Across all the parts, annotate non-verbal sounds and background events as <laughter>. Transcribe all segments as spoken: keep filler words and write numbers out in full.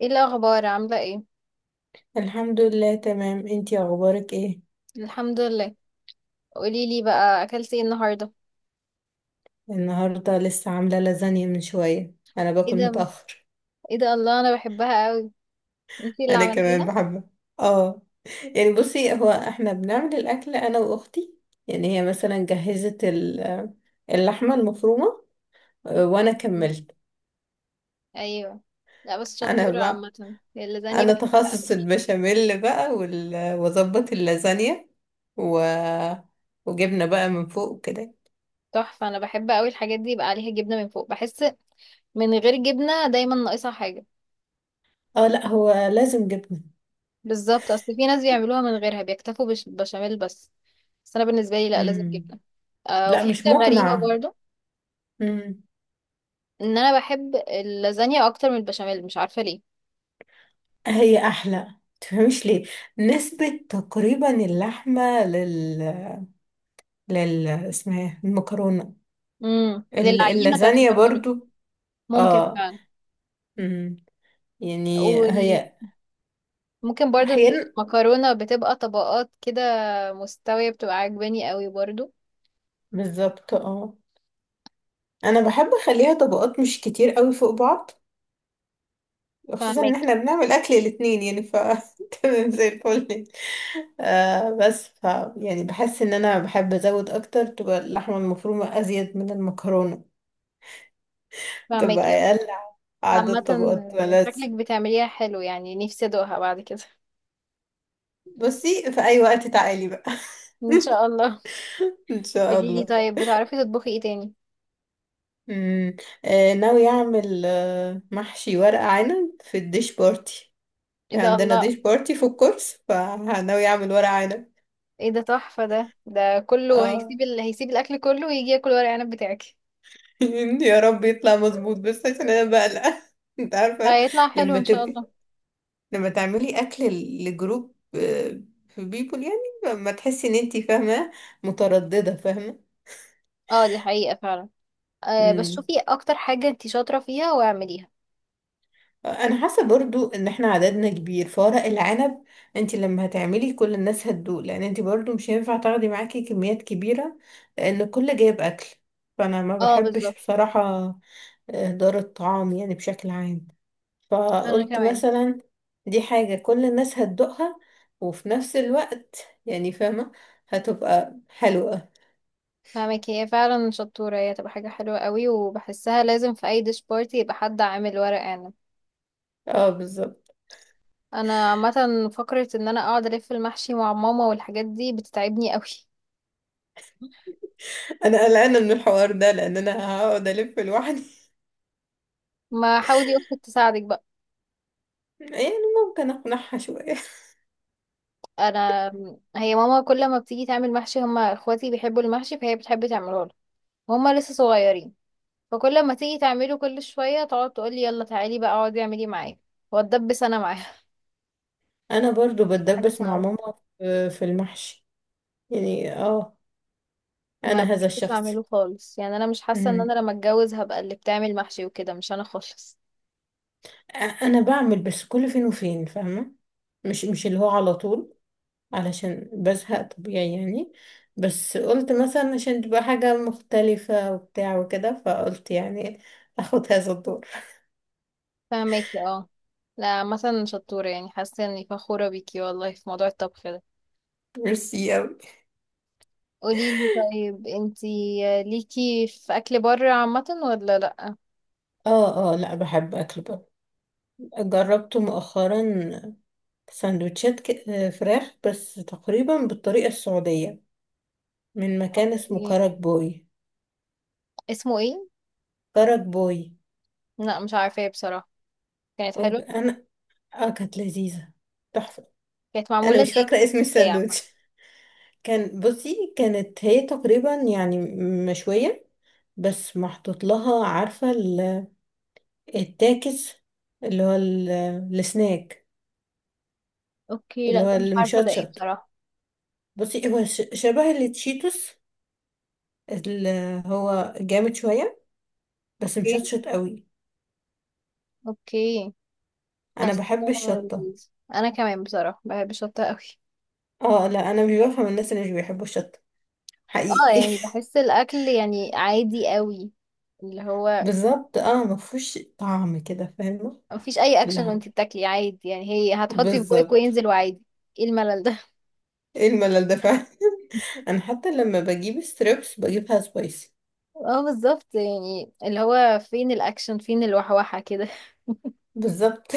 ايه الاخبار، عامله ايه؟ الحمد لله تمام، انتي اخبارك ايه؟ الحمد لله. قولي لي بقى، اكلتي ايه النهارده؟ النهارده لسه عامله لازانيا من شويه، انا ايه باكل ده! متاخر. ايه ده، الله، انا بحبها قوي. انتي اللي انا كمان عملتيها؟ بحبها. اه. يعني بصي، هو احنا بنعمل الاكل انا واختي. يعني هي مثلا جهزت ال- اللحمه المفرومه. آه، وانا كملت. ايوه. لا بس انا شطوره، بقى، عامه اللازانيا انا تخصص بحبها. البشاميل بقى وال- واظبط اللازانيا و... وجبنه بقى من فوق كده. تحفه، انا بحب قوي الحاجات دي يبقى عليها جبنه من فوق، بحس من غير جبنه دايما ناقصها حاجه. اه لا، هو لازم جبنه. بالظبط، اصل في ناس بيعملوها من غيرها بيكتفوا بش- بشاميل بس. بس انا بالنسبه لي لا، لازم مم. جبنه. آه، لا وفي مش حاجه غريبه مقنعه. برضو ان انا بحب اللازانيا اكتر من البشاميل، مش عارفه ليه. هي احلى، تفهمش ليه. نسبة تقريبا اللحمة لل لل اسمها إيه؟ المكرونة. امم ال- للعجينه بتاعت اللازانيا المكرونه. برضو. ممكن اه. فعلا. أمم. يعني وال... هي ممكن برضو إن احيانا. المكرونة بتبقى طبقات كده مستوية، بتبقى عجباني قوي برضو. بالظبط اه، انا بحب اخليها طبقات مش كتير قوي فوق بعض. خصوصا ان فهماكي. احنا بنعمل اكل الاتنين، يعني ف <laughs> تمام زي الفل. آه بس ف يعني بحس ان انا بحب ازود اكتر، تبقى اللحمة المفرومة ازيد من المكرونة، تبقى فهماكي اه. اقل عامة، عدد طبقات ملاذ. شكلك بتعمليها حلو، يعني نفسي ادوقها بعد كده. بصي في اي وقت تعالي بقى. ان شاء الله. <laughs> ان شاء قوليلي الله. طيب، بتعرفي تطبخي ايه تاني؟ امم آه ناوي اعمل آه محشي ورق عنب في الديش بارتي. ايه ده، عندنا الله! ديش بارتي في الكورس، فناوي اعمل ورق عنب. ايه ده تحفة! ده ده كله اه. هيسيب ال... هيسيب الاكل كله ويجي ياكل ورق عنب بتاعك. <laughs> يا رب يطلع مظبوط، بس عشان انا بقلق. <laughs> انت عارفه، هيطلع حلو لما ان شاء تبقي الله. لما تعملي اكل لجروب، آه، في بيبول، يعني ما تحسي ان انتي فاهمه، متردده. اه دي حقيقة فعلا. أه بس فاهمه. شوفي اكتر حاجة انتي شاطرة فيها واعمليها. انا حاسه برضو ان احنا عددنا كبير فورق العنب، انت لما هتعملي كل الناس هتدوق، لان انت برضو مش هينفع تاخدي معاكي كميات كبيره، لان الكل جايب اكل. فانا ما اه بحبش بالظبط. بصراحه اهدار الطعام، يعني بشكل عام. انا فقلت كمان. مثلا دي حاجه كل الناس هتدوقها، وفي نفس الوقت يعني فاهمه هتبقى حلوه. فاهمك، هي فعلا شطورة، هي تبقى حاجة حلوة قوي، وبحسها لازم في أي ديش بارتي يبقى حد عامل ورق عنب. اه بالظبط. أنا عامة فكرة إن أنا أقعد ألف المحشي مع ماما والحاجات دي بتتعبني قوي. انا قلقانه من الحوار ده، لان انا هقعد الف لوحدي. ما حاولي أختك تساعدك بقى. <laughs> يعني ممكن اقنعها شويه. أنا، هي ماما كل ما بتيجي تعمل محشي هما إخواتي بيحبوا المحشي فهي بتحب تعمله له، وهما لسه صغيرين، فكل ما تيجي تعمله كل شوية تقعد تقولي يلا تعالي بقى اقعدي اعملي معايا، واتدبس أنا معاها. انا برضو <laughs> بتبقى حاجة بتدبس مع صعبة. ماما في في المحشي، يعني اه. انا ما هذا بحبش الشخص. اعمله خالص، يعني انا مش حاسه ان مم. انا لما اتجوز هبقى اللي بتعمل محشي وكده، مش انا خالص. أ- انا بعمل بس كل فين وفين فاهمه، مش مش اللي هو على طول، علشان بزهق طبيعي يعني. بس قلت مثلا عشان تبقى حاجه مختلفه وبتاع وكده، فقلت يعني اخد هذا الدور. فهماكي اه. لا مثلا شطوره يعني، حاسه اني فخوره بيكي والله في موضوع الطبخ ده. ميرسي أوي. قولي لي طيب، انتي ليكي في اكل بره عامه ولا لا؟ اه اه لا، بحب اكل بره. جربت مؤخرا سندوتشات ك- فراخ بس تقريبا بالطريقه السعوديه، من مكان اسمه إيه؟ كرك بوي. اسمه ايه؟ كرك بوي. لا مش عارفه ايه بصراحه. كانت حلوه. أوك- انا اه كانت لذيذة، تحفة. كانت انا معموله مش زي، فاكرة اسم زي عامه. الساندوتش. <laughs> كان بصي كانت هي تقريبا يعني مشوية، بس محطوط لها، عارفة ال- التاكس، اللي هو ال- السناك اوكي، اللي لا هو ده مش عارفه ده ايه المشطشط. بصراحه. بصي هو ش- شبه التشيتوس اللي هو جامد شوية بس اوكي. مشطشط قوي. اوكي. انا حاسه بحب الشطة. ال- انا كمان بصراحه بحب الشطه قوي. اه لا، انا مش بفهم الناس اللي مش بيحبوا الشطة، اه حقيقي. يعني <laughs> بحس الاكل يعني عادي قوي، اللي هو بالظبط اه، مفهوش طعم كده، فاهمة. مفيش اي اكشن لا، وانتي بتاكلي عادي، يعني هي هتحطي في بوقك بالظبط. وينزل وعادي. ايه الملل ده! ايه الملل ده فعلا. <laughs> <laughs> انا حتى لما بجيب ستريبس بجيبها سبايسي. اه بالظبط، يعني اللي هو فين الاكشن فين الوحوحة كده! بالظبط.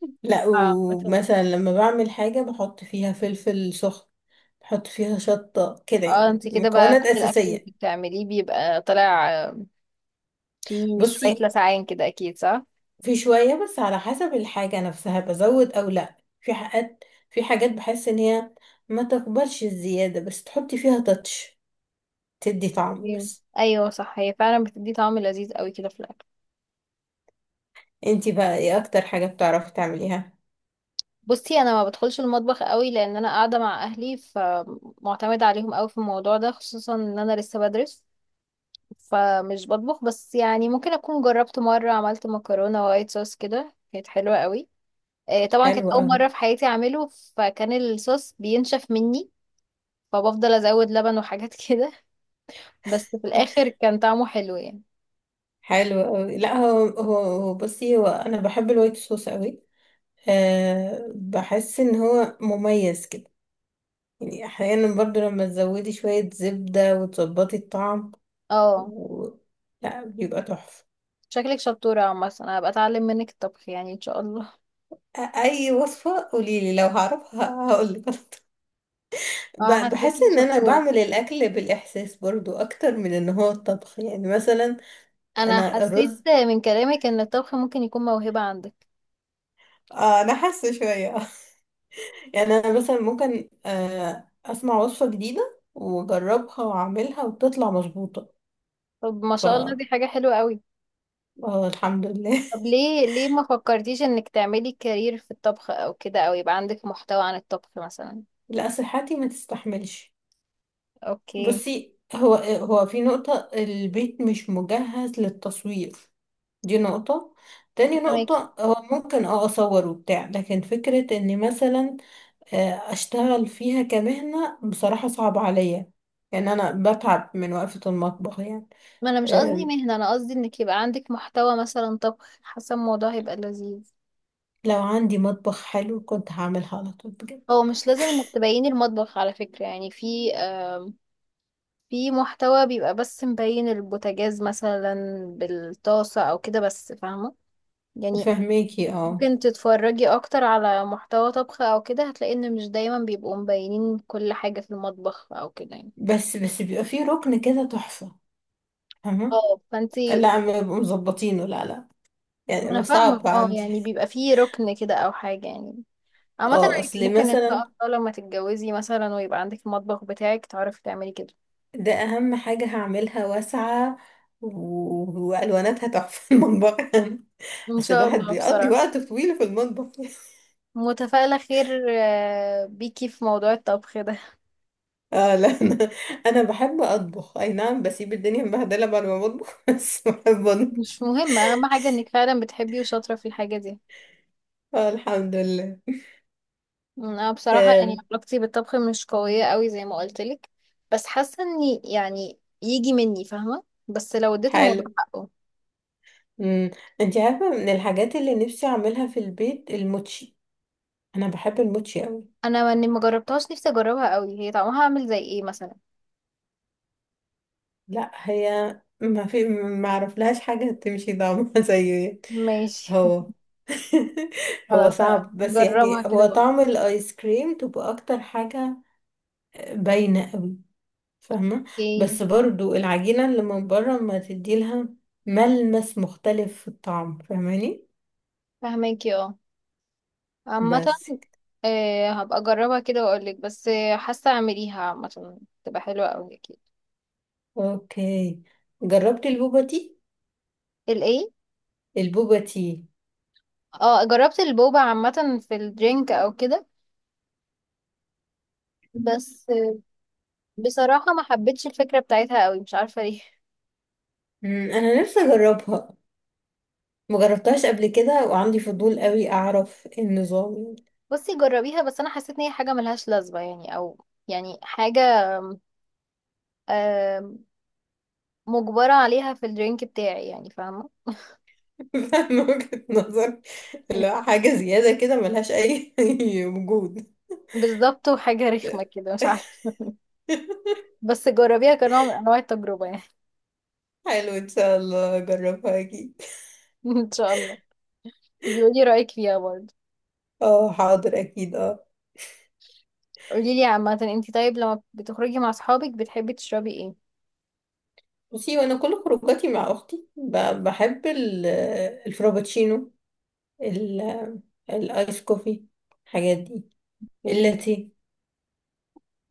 <laughs> لا، <laughs> عامة. ومثلا لما بعمل حاجة بحط فيها فلفل سخن، بحط فيها شطة كده، اه يعني انتي كده بقى مكونات كل الاكل اللي أساسية. بتعمليه بيبقى طالع آه، فيه شوية بصي، لسعان كده اكيد، صح؟ في شوية بس على حسب الحاجة نفسها بزود أو لا. في حاجات، في حاجات بحس إن هي ما تقبلش الزيادة، بس تحطي فيها تاتش تدي طعم مم. بس. ايوه صح، هي فعلا بتدي طعم لذيذ قوي كده في الاكل. انتي بقى ايه اكتر حاجة بتعرفي تعمليها؟ بصي، انا ما بدخلش المطبخ قوي لان انا قاعده مع اهلي، فمعتمده عليهم قوي في الموضوع ده، خصوصا ان انا لسه بدرس، فمش بطبخ. بس يعني ممكن اكون جربت مره، عملت مكرونه وايت صوص كده، كانت حلوه قوي. آه، طبعا حلو كانت اول قوي. مره في حياتي اعمله، فكان الصوص بينشف مني، فبفضل ازود لبن وحاجات <laughs> كده، بس في الاخر كان طعمه حلو يعني. حلو قوي. لا هو هو هو بصي، هو انا بحب الوايت صوص قوي. أه بحس ان هو مميز كده، يعني احيانا برضو لما تزودي شوية زبدة وتظبطي الطعم، اه و... لا بيبقى تحفة. شكلك شطوره، عامه انا هبقى اتعلم منك الطبخ يعني ان شاء الله. أ- اي وصفة قوليلي لو هعرفها هقولك. <laughs> اه ب- بحس حاساكي ان انا شطوره، بعمل الاكل بالاحساس برضو اكتر من ان هو الطبخ، يعني مثلا انا انا حسيت رز من كلامك ان الطبخ ممكن يكون موهبة عندك. اه انا حاسه شويه، يعني انا مثلا ممكن آه، اسمع وصفة جديدة واجربها واعملها وتطلع مظبوطة. طب ما ف شاء الله، دي حاجة حلوة قوي. آه، الحمد لله. طب ليه ليه ما فكرتيش انك تعملي كارير في الطبخ او كده، او يبقى عندك محتوى عن الطبخ مثلا؟ <laughs> لا صحتي ما تستحملش. اوكي. بصي، هو هو في نقطة البيت مش مجهز للتصوير، دي نقطة. تاني فهماكي. نقطة، هو ممكن اه اصور وبتاع، لكن فكرة اني مثلا آه، اشتغل فيها كمهنة بصراحة صعب عليا، يعني انا بتعب من وقفة المطبخ يعني. ما انا مش قصدي آه، مهنة، انا قصدي انك يبقى عندك محتوى مثلا طبخ، حاسة الموضوع هيبقى لذيذ. لو عندي مطبخ حلو كنت هعملها على طول بجد. هو مش لازم انك تبيني المطبخ على فكرة، يعني في في محتوى بيبقى بس مبين البوتاجاز مثلا بالطاسة او كده بس، فاهمة <laughs> يعني. فهماكي اه. ممكن تتفرجي اكتر على محتوى طبخ او كده، هتلاقي ان مش دايما بيبقوا مبينين كل حاجة في المطبخ او كده يعني. بس بس بيبقى فيه ركن كده تحفة، فاهمة. اه فانتي، لا ما بيبقوا مظبطينه، لا لا. ما انا يعني صعب فاهمة اه، عندي. يعني بيبقى فيه ركن كده او حاجة يعني. عامة اه، عادي، اصل ممكن ان شاء مثلا الله لما تتجوزي مثلا ويبقى عندك المطبخ بتاعك تعرفي تعملي كده ده اهم حاجة هعملها واسعة، و- والواناتها تحفة في المطبخ. <laughs> ان اصل شاء الواحد الله، بيقضي بصراحة وقت طويل في المطبخ. <laughs> متفائلة خير آه، بيكي في موضوع الطبخ ده. اه لا، انا انا بحب اطبخ اي نعم، بسيب الدنيا مبهدلة بعد ما بطبخ <laughs> بس بحب اطبخ. مش مهم، اهم حاجة انك فعلا بتحبي وشاطرة في الحاجة دي. آه الحمد لله. انا بصراحة يعني آم، علاقتي بالطبخ مش قوية قوي زي ما قلت لك، بس حاسة اني يعني يجي مني فاهمة، بس لو اديت الموضوع حلو. حقه. امم. انت عارفه، من الحاجات اللي نفسي اعملها في البيت الموتشي، انا بحب الموتشي قوي. انا اني ما جربتهاش، نفسي اجربها قوي، هي طعمها عامل زي ايه مثلا؟ لا هي ما في ما اعرف لهاش حاجه تمشي طعمها <laughs> زيه. ماشي. هو <laughs> <laughs> هو خلاص، صعب، بس يعني جربها كده هو بقول. طعم الايس كريم تبقى اكتر حاجه. باينه قوي، فاهمه. ايه. بس برضو العجينه اللي من بره ما تدي لها ملمس مختلف في الطعم، فاهماني. فاهماكي اه. عامة، بس. آه، هبقى اجربها كده واقول لك، بس آه، حاسة اعمليها عامة تبقى حلوة قوي اكيد. اوكي. جربتي البوبا تي؟ الايه؟ البوبا تي. اه جربت البوبا عامة في الدرينك او كده، بس بصراحة ما حبيتش الفكرة بتاعتها قوي، مش عارفة ليه. مم، انا نفسي اجربها، مجربتهاش قبل كده، وعندي فضول قوي اعرف إيه النظام. <laughs> بصي جربيها، بس انا حسيت ان هي حاجة ملهاش لازمة يعني، او يعني حاجة آم، مجبرة عليها في الدرينك بتاعي، يعني فاهمة. <laughs> فاهمة وجهة نظر. <laughs> لا حاجة زيادة كده ملهاش اي <laughs> وجود. بالظبط، وحاجة رخمة كده مش عارفة، بس جربيها كنوع من انواع التجربة يعني. حلو، ان شاء الله اجربها اكيد. <laughs> ان شاء الله، بيقولي رأيك فيها برضه. اه، حاضر اكيد اه. قوليلي عامة انتي طيب، لما بتخرجي مع اصحابك بتحبي تشربي ايه؟ بصي، وانا كل خروجاتي مع اختي، ب- بحب ال- الفرابتشينو، ال- الايس كوفي، الحاجات دي، ايه. اللاتيه.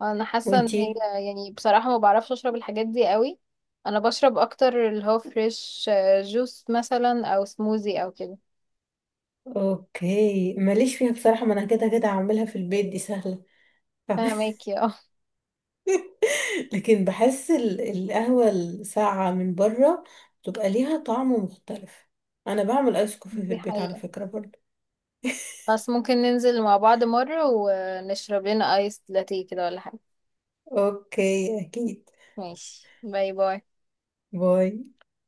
انا حاسه ان هي، وانتي؟ يعني بصراحه ما بعرفش اشرب الحاجات دي قوي، انا بشرب اكتر اللي هو فريش آه، جوس مثلا او سموزي او كده. اوكي ماليش فيها بصراحة، ما انا كده كده هعملها في البيت، دي سهلة، فاهمة؟ فهماكي اه، <laughs> لكن بحس ال- القهوة الساقعة من بره بتبقى ليها طعم مختلف. انا بعمل ايس كوفي في دي البيت على حقيقه، فكرة برضه. <laughs> بس ممكن ننزل مع بعض مره ونشرب لنا ايس لاتيه كده ولا حاجه. اوكي اكيد، ماشي، باي باي. باي.